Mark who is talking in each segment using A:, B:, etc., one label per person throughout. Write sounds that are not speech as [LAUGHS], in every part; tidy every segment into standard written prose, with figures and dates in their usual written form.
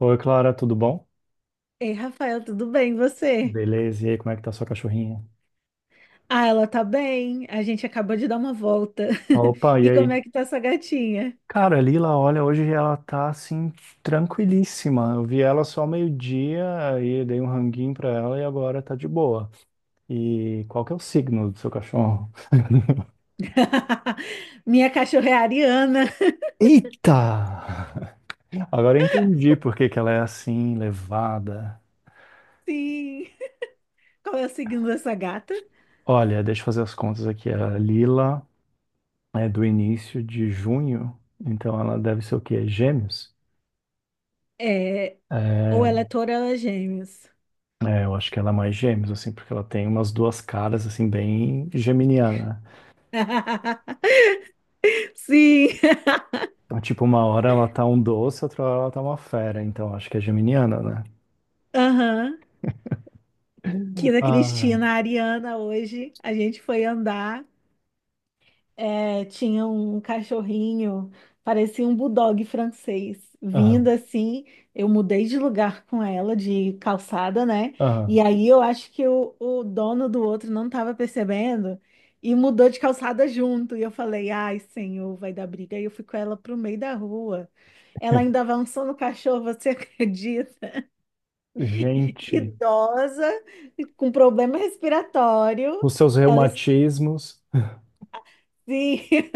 A: Oi, Clara, tudo bom?
B: Ei, Rafael, tudo bem, e você?
A: Beleza, e aí, como é que tá sua cachorrinha?
B: Ah, ela tá bem. A gente acabou de dar uma volta.
A: Opa,
B: [LAUGHS]
A: e
B: E como é
A: aí?
B: que tá essa gatinha?
A: Cara, a Lila, olha, hoje ela tá assim, tranquilíssima. Eu vi ela só meio-dia, aí dei um ranguinho pra ela e agora tá de boa. E qual que é o signo do seu cachorro? [LAUGHS]
B: [LAUGHS] Minha cachorra é a Ariana. [LAUGHS]
A: Eita! Agora eu entendi por que que ela é assim, levada.
B: Sim. Qual é o signo dessa gata?
A: Olha, deixa eu fazer as contas aqui. A Lila é do início de junho, então ela deve ser o quê? Gêmeos?
B: É, ou
A: É,
B: ela é touro ou ela é gêmeos.
A: é, eu acho que ela é mais gêmeos, assim, porque ela tem umas duas caras, assim, bem geminiana.
B: [LAUGHS] Sim.
A: Então, tipo, uma hora ela tá um doce, outra hora ela tá uma fera, então acho que é geminiana, né?
B: Aham. Aqui
A: Ah,
B: Cristina, a Ariana, hoje a gente foi andar. É, tinha um cachorrinho, parecia um bulldog francês,
A: ah,
B: vindo assim. Eu mudei de lugar com ela, de calçada, né?
A: ah.
B: E aí eu acho que o dono do outro não estava percebendo e mudou de calçada junto. E eu falei, ai, senhor, vai dar briga. E eu fui com ela pro meio da rua. Ela ainda
A: [LAUGHS]
B: avançou no cachorro, você [LAUGHS] acredita?
A: Gente,
B: Idosa, com problema respiratório.
A: os seus
B: Ela,
A: reumatismos.
B: sim. [LAUGHS]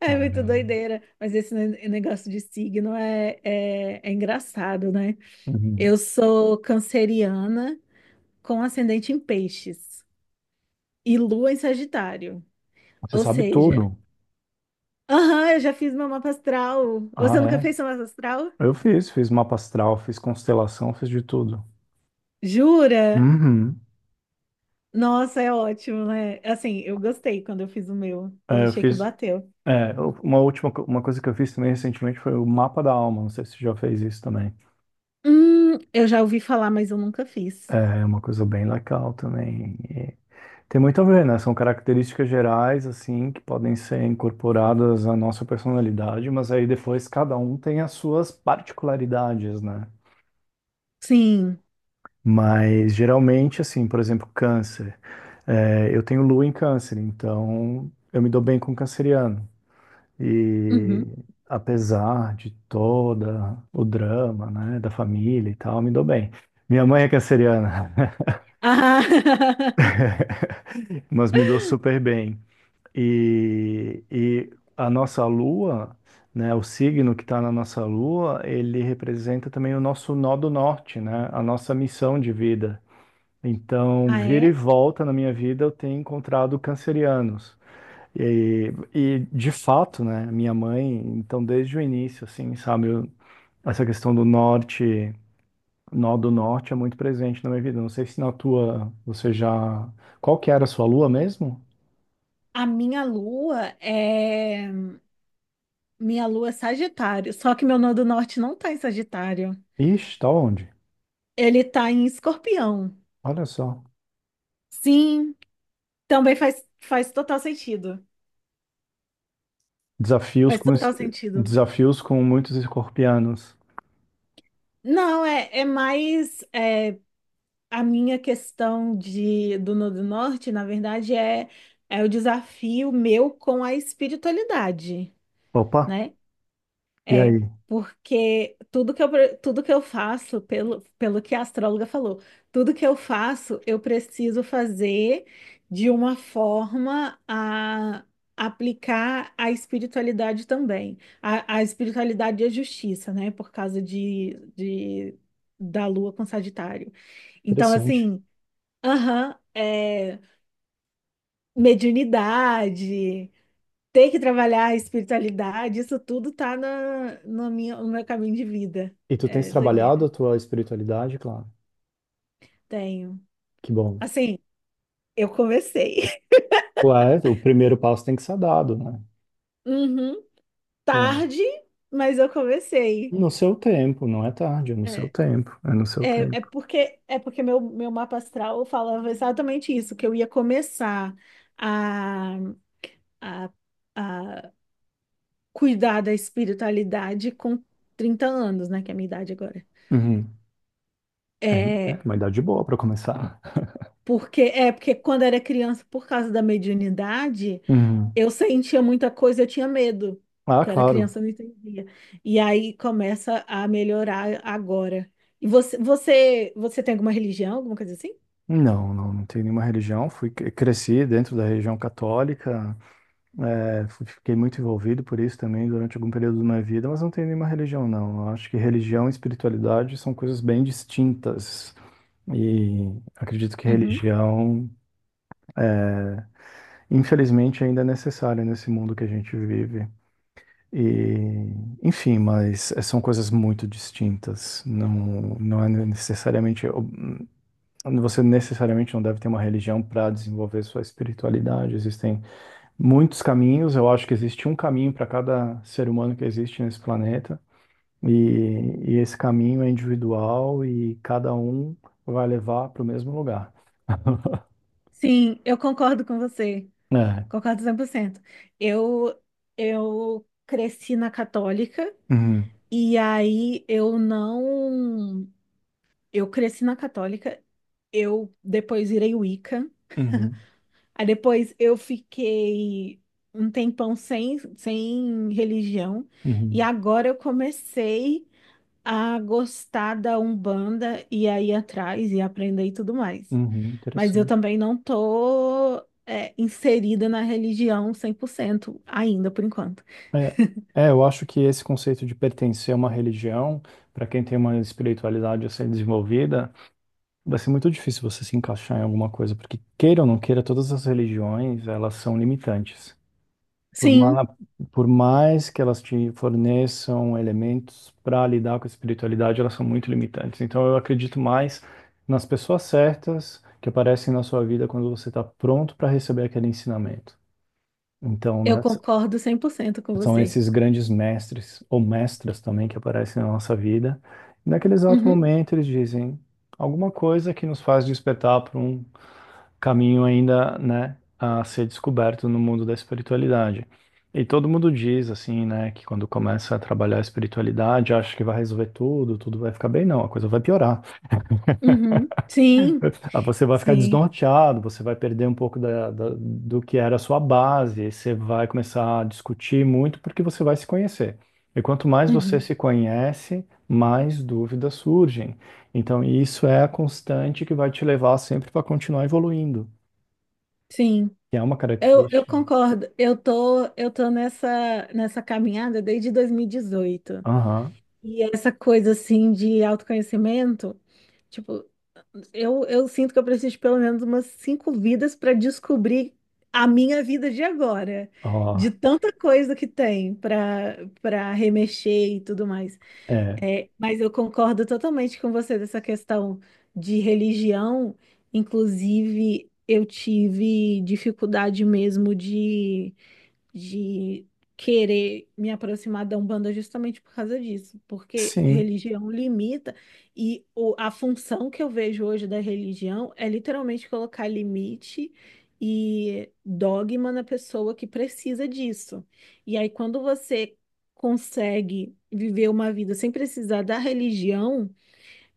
B: É muito
A: Caramba.
B: doideira, mas esse negócio de signo é engraçado, né?
A: Uhum.
B: Eu sou canceriana com ascendente em peixes e lua em Sagitário.
A: Você
B: Ou
A: sabe
B: seja,
A: tudo.
B: aham, eu já fiz meu mapa astral.
A: Ah,
B: Você nunca
A: é?
B: fez seu mapa astral?
A: Eu fiz, fiz mapa astral, fiz constelação, fiz de tudo.
B: Jura?
A: Uhum.
B: Nossa, é ótimo, né? Assim, eu gostei quando eu fiz o meu. Eu
A: É, eu
B: achei que
A: fiz.
B: bateu.
A: É, uma coisa que eu fiz também recentemente foi o mapa da alma. Não sei se você já fez isso também.
B: Eu já ouvi falar, mas eu nunca fiz.
A: É uma coisa bem local também. E tem muito a ver, né? São características gerais, assim, que podem ser incorporadas à nossa personalidade, mas aí depois cada um tem as suas particularidades, né?
B: Sim.
A: Mas geralmente, assim, por exemplo, câncer. É, eu tenho lua em câncer, então eu me dou bem com canceriano.
B: Uhum.
A: E apesar de toda o drama, né, da família e tal, me dou bem. Minha mãe é canceriana,
B: Ah, [LAUGHS]
A: [LAUGHS] mas me dou super bem. E a nossa lua, né, o signo que está na nossa lua, ele representa também o nosso nó do norte, né, a nossa missão de vida. Então,
B: ah,
A: vira e
B: é?
A: volta na minha vida, eu tenho encontrado cancerianos. E de fato, né, minha mãe, então desde o início, assim, sabe, eu- essa questão do norte, nó do norte é muito presente na minha vida. Não sei se na tua, você já... Qual que era a sua lua mesmo?
B: A minha lua é. Minha lua é Sagitário, só que meu nó do norte não tá em Sagitário.
A: Ixi, tá onde?
B: Ele tá em Escorpião.
A: Olha só.
B: Sim, também faz total sentido.
A: Desafios
B: Faz
A: com, es-
B: total sentido.
A: desafios com muitos escorpianos.
B: Não, a minha questão do nó do norte, na verdade, é, é o desafio meu com a espiritualidade,
A: Opa,
B: né?
A: e
B: É,
A: aí?
B: porque tudo que eu, tudo que eu faço, pelo que a astróloga falou, tudo que eu faço, eu preciso fazer de uma forma a aplicar a espiritualidade também. A espiritualidade e a justiça, né? Por causa da Lua com Sagitário. Então,
A: Interessante.
B: assim, aham, é, mediunidade. Ter que trabalhar a espiritualidade, isso tudo tá na minha, no meu caminho de vida.
A: E tu tens
B: É
A: trabalhado
B: doideira.
A: a tua espiritualidade, claro.
B: Tenho.
A: Que bom.
B: Assim, eu comecei. [LAUGHS]
A: Ué, o primeiro passo tem que ser dado, né?
B: Uhum.
A: É.
B: Tarde, mas eu comecei.
A: No seu tempo, não é tarde, é no seu
B: É,
A: tempo. É no seu
B: é
A: tempo.
B: porque meu mapa astral falava exatamente isso, que eu ia começar a, a, a cuidar da espiritualidade com 30 anos, né? Que é a minha idade agora.
A: Uhum. É, é
B: É,
A: uma idade boa para começar.
B: é porque quando era criança, por causa da mediunidade,
A: Uhum.
B: eu sentia muita coisa, eu tinha medo,
A: Ah,
B: porque eu era
A: claro.
B: criança, eu não entendia. E aí começa a melhorar agora. E você tem alguma religião, alguma coisa assim?
A: Não, não, não tenho nenhuma religião. Fui, cresci dentro da religião católica. É, fiquei muito envolvido por isso também durante algum período da minha vida, mas não tenho nenhuma religião, não. Eu acho que religião e espiritualidade são coisas bem distintas. E acredito que
B: Uhum.
A: religião, infelizmente, ainda é necessária nesse mundo que a gente vive. E, enfim, mas são coisas muito distintas. Não, não é necessariamente. Você necessariamente não deve ter uma religião para desenvolver sua espiritualidade. Existem muitos caminhos. Eu acho que existe um caminho para cada ser humano que existe nesse planeta. E, e esse caminho é individual e cada um vai levar para o mesmo lugar. [LAUGHS]
B: Sim, eu concordo com você.
A: É.
B: Concordo 100%. Eu, eu cresci na católica
A: Uhum,
B: e aí eu não. Eu cresci na católica, eu depois virei Wicca.
A: uhum,
B: Aí depois eu fiquei um tempão sem religião, e
A: uhum,
B: agora eu comecei a gostar da Umbanda e a ir atrás e aprender e tudo mais.
A: uhum,
B: Mas eu
A: interessante.
B: também não tô, é, inserida na religião 100% ainda, por enquanto.
A: É, é, eu acho que esse conceito de pertencer a uma religião, para quem tem uma espiritualidade a ser desenvolvida, vai ser muito difícil você se encaixar em alguma coisa, porque queira ou não queira, todas as religiões, elas são limitantes. Por,
B: Sim,
A: ma- por mais que elas te forneçam elementos para lidar com a espiritualidade, elas são muito limitantes. Então, eu acredito mais nas pessoas certas que aparecem na sua vida quando você está pronto para receber aquele ensinamento. Então,
B: eu
A: né,
B: concordo 100% com
A: são
B: você.
A: esses grandes mestres ou mestras também que aparecem na nossa vida. E naquele exato
B: Uhum,
A: momento, eles dizem alguma coisa que nos faz despertar para caminho ainda, né, a ser descoberto no mundo da espiritualidade. E todo mundo diz assim, né, que quando começa a trabalhar a espiritualidade, acha que vai resolver tudo, tudo vai ficar bem, não, a coisa vai piorar.
B: uhum. Sim,
A: Ah, você vai ficar
B: sim,
A: desnorteado, você vai perder um pouco do que era a sua base, e você vai começar a discutir muito porque você vai se conhecer. E quanto mais você
B: uhum,
A: se conhece, mais dúvidas surgem. Então, isso é a constante que vai te levar sempre para continuar evoluindo,
B: sim.
A: que é uma
B: Eu
A: característica.
B: concordo. Eu tô nessa, nessa caminhada desde 2018. E dezoito.
A: Aham,
B: E essa coisa assim de autoconhecimento, tipo, eu sinto que eu preciso de pelo menos umas 5 vidas para descobrir a minha vida de agora,
A: ó,
B: de tanta coisa que tem para remexer e tudo mais.
A: é,
B: É, mas eu concordo totalmente com você dessa questão de religião. Inclusive, eu tive dificuldade mesmo de querer me aproximar da Umbanda justamente por causa disso, porque
A: sim,
B: religião limita e a função que eu vejo hoje da religião é literalmente colocar limite e dogma na pessoa que precisa disso. E aí, quando você consegue viver uma vida sem precisar da religião,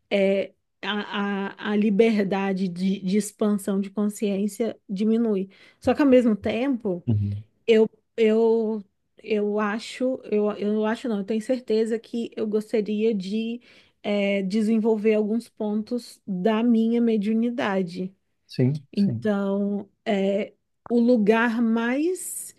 B: é. A liberdade de expansão de consciência diminui. Só que ao mesmo tempo,
A: uhum,
B: eu, eu, eu acho, eu acho não, eu tenho certeza que eu gostaria de desenvolver alguns pontos da minha mediunidade.
A: sim, sim,
B: Então, é o lugar mais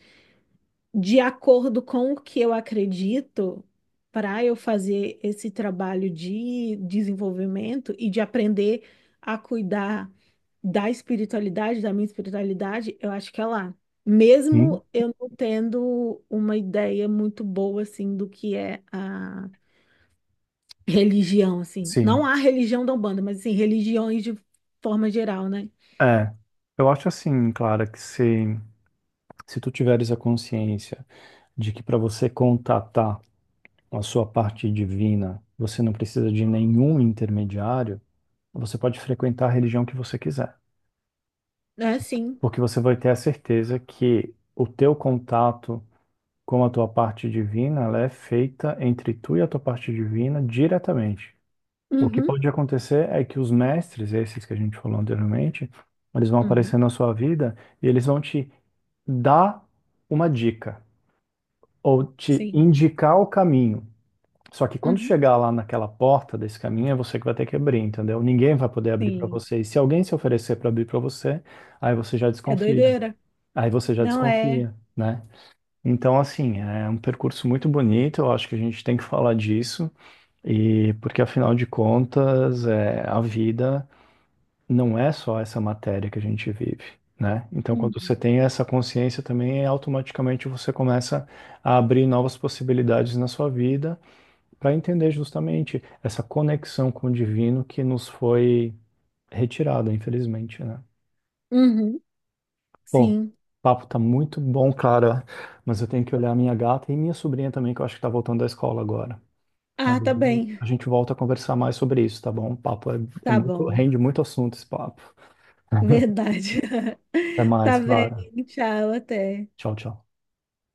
B: de acordo com o que eu acredito, para eu fazer esse trabalho de desenvolvimento e de aprender a cuidar da espiritualidade, da minha espiritualidade, eu acho que é lá.
A: sim,
B: Mesmo eu não tendo uma ideia muito boa assim do que é a religião assim. Não
A: sim,
B: a religião da Umbanda, mas assim, religiões de forma geral, né?
A: é, eu acho assim, Clara, que se tu tiveres a consciência de que para você contatar a sua parte divina, você não precisa de nenhum intermediário, você pode frequentar a religião que você quiser,
B: É sim.
A: porque você vai ter a certeza que o teu contato com a tua parte divina, ela é feita entre tu e a tua parte divina diretamente. O que
B: Uhum.
A: pode acontecer é que os mestres, esses que a gente falou anteriormente, eles vão
B: Uhum.
A: aparecer na sua vida e eles vão te dar uma dica ou te
B: Sim.
A: indicar o caminho. Só que quando
B: Uhum.
A: chegar lá naquela porta desse caminho, é você que vai ter que abrir, entendeu? Ninguém vai poder abrir para
B: Sim.
A: você. E se alguém se oferecer para abrir para você, aí você já
B: É
A: desconfia.
B: doideira.
A: Aí você já
B: Não é.
A: desconfia, né? Então, assim, é um percurso muito bonito. Eu acho que a gente tem que falar disso. E porque afinal de contas, é, a vida não é só essa matéria que a gente vive, né? Então, quando você
B: Uhum.
A: tem essa consciência também, é automaticamente você começa a abrir novas possibilidades na sua vida para entender justamente essa conexão com o divino que nos foi retirada, infelizmente, né?
B: Uhum,
A: Bom, o
B: sim.
A: papo tá muito bom, cara, mas eu tenho que olhar a minha gata e minha sobrinha também, que eu acho que tá voltando da escola agora.
B: Ah, tá
A: Aí
B: bem.
A: a gente volta a conversar mais sobre isso, tá bom? O papo é, é
B: Tá
A: muito,
B: bom.
A: rende muito assunto esse papo. [LAUGHS]
B: Verdade.
A: Até
B: [LAUGHS]
A: mais,
B: Tá bem.
A: Clara.
B: Tchau, até.
A: Tchau, tchau.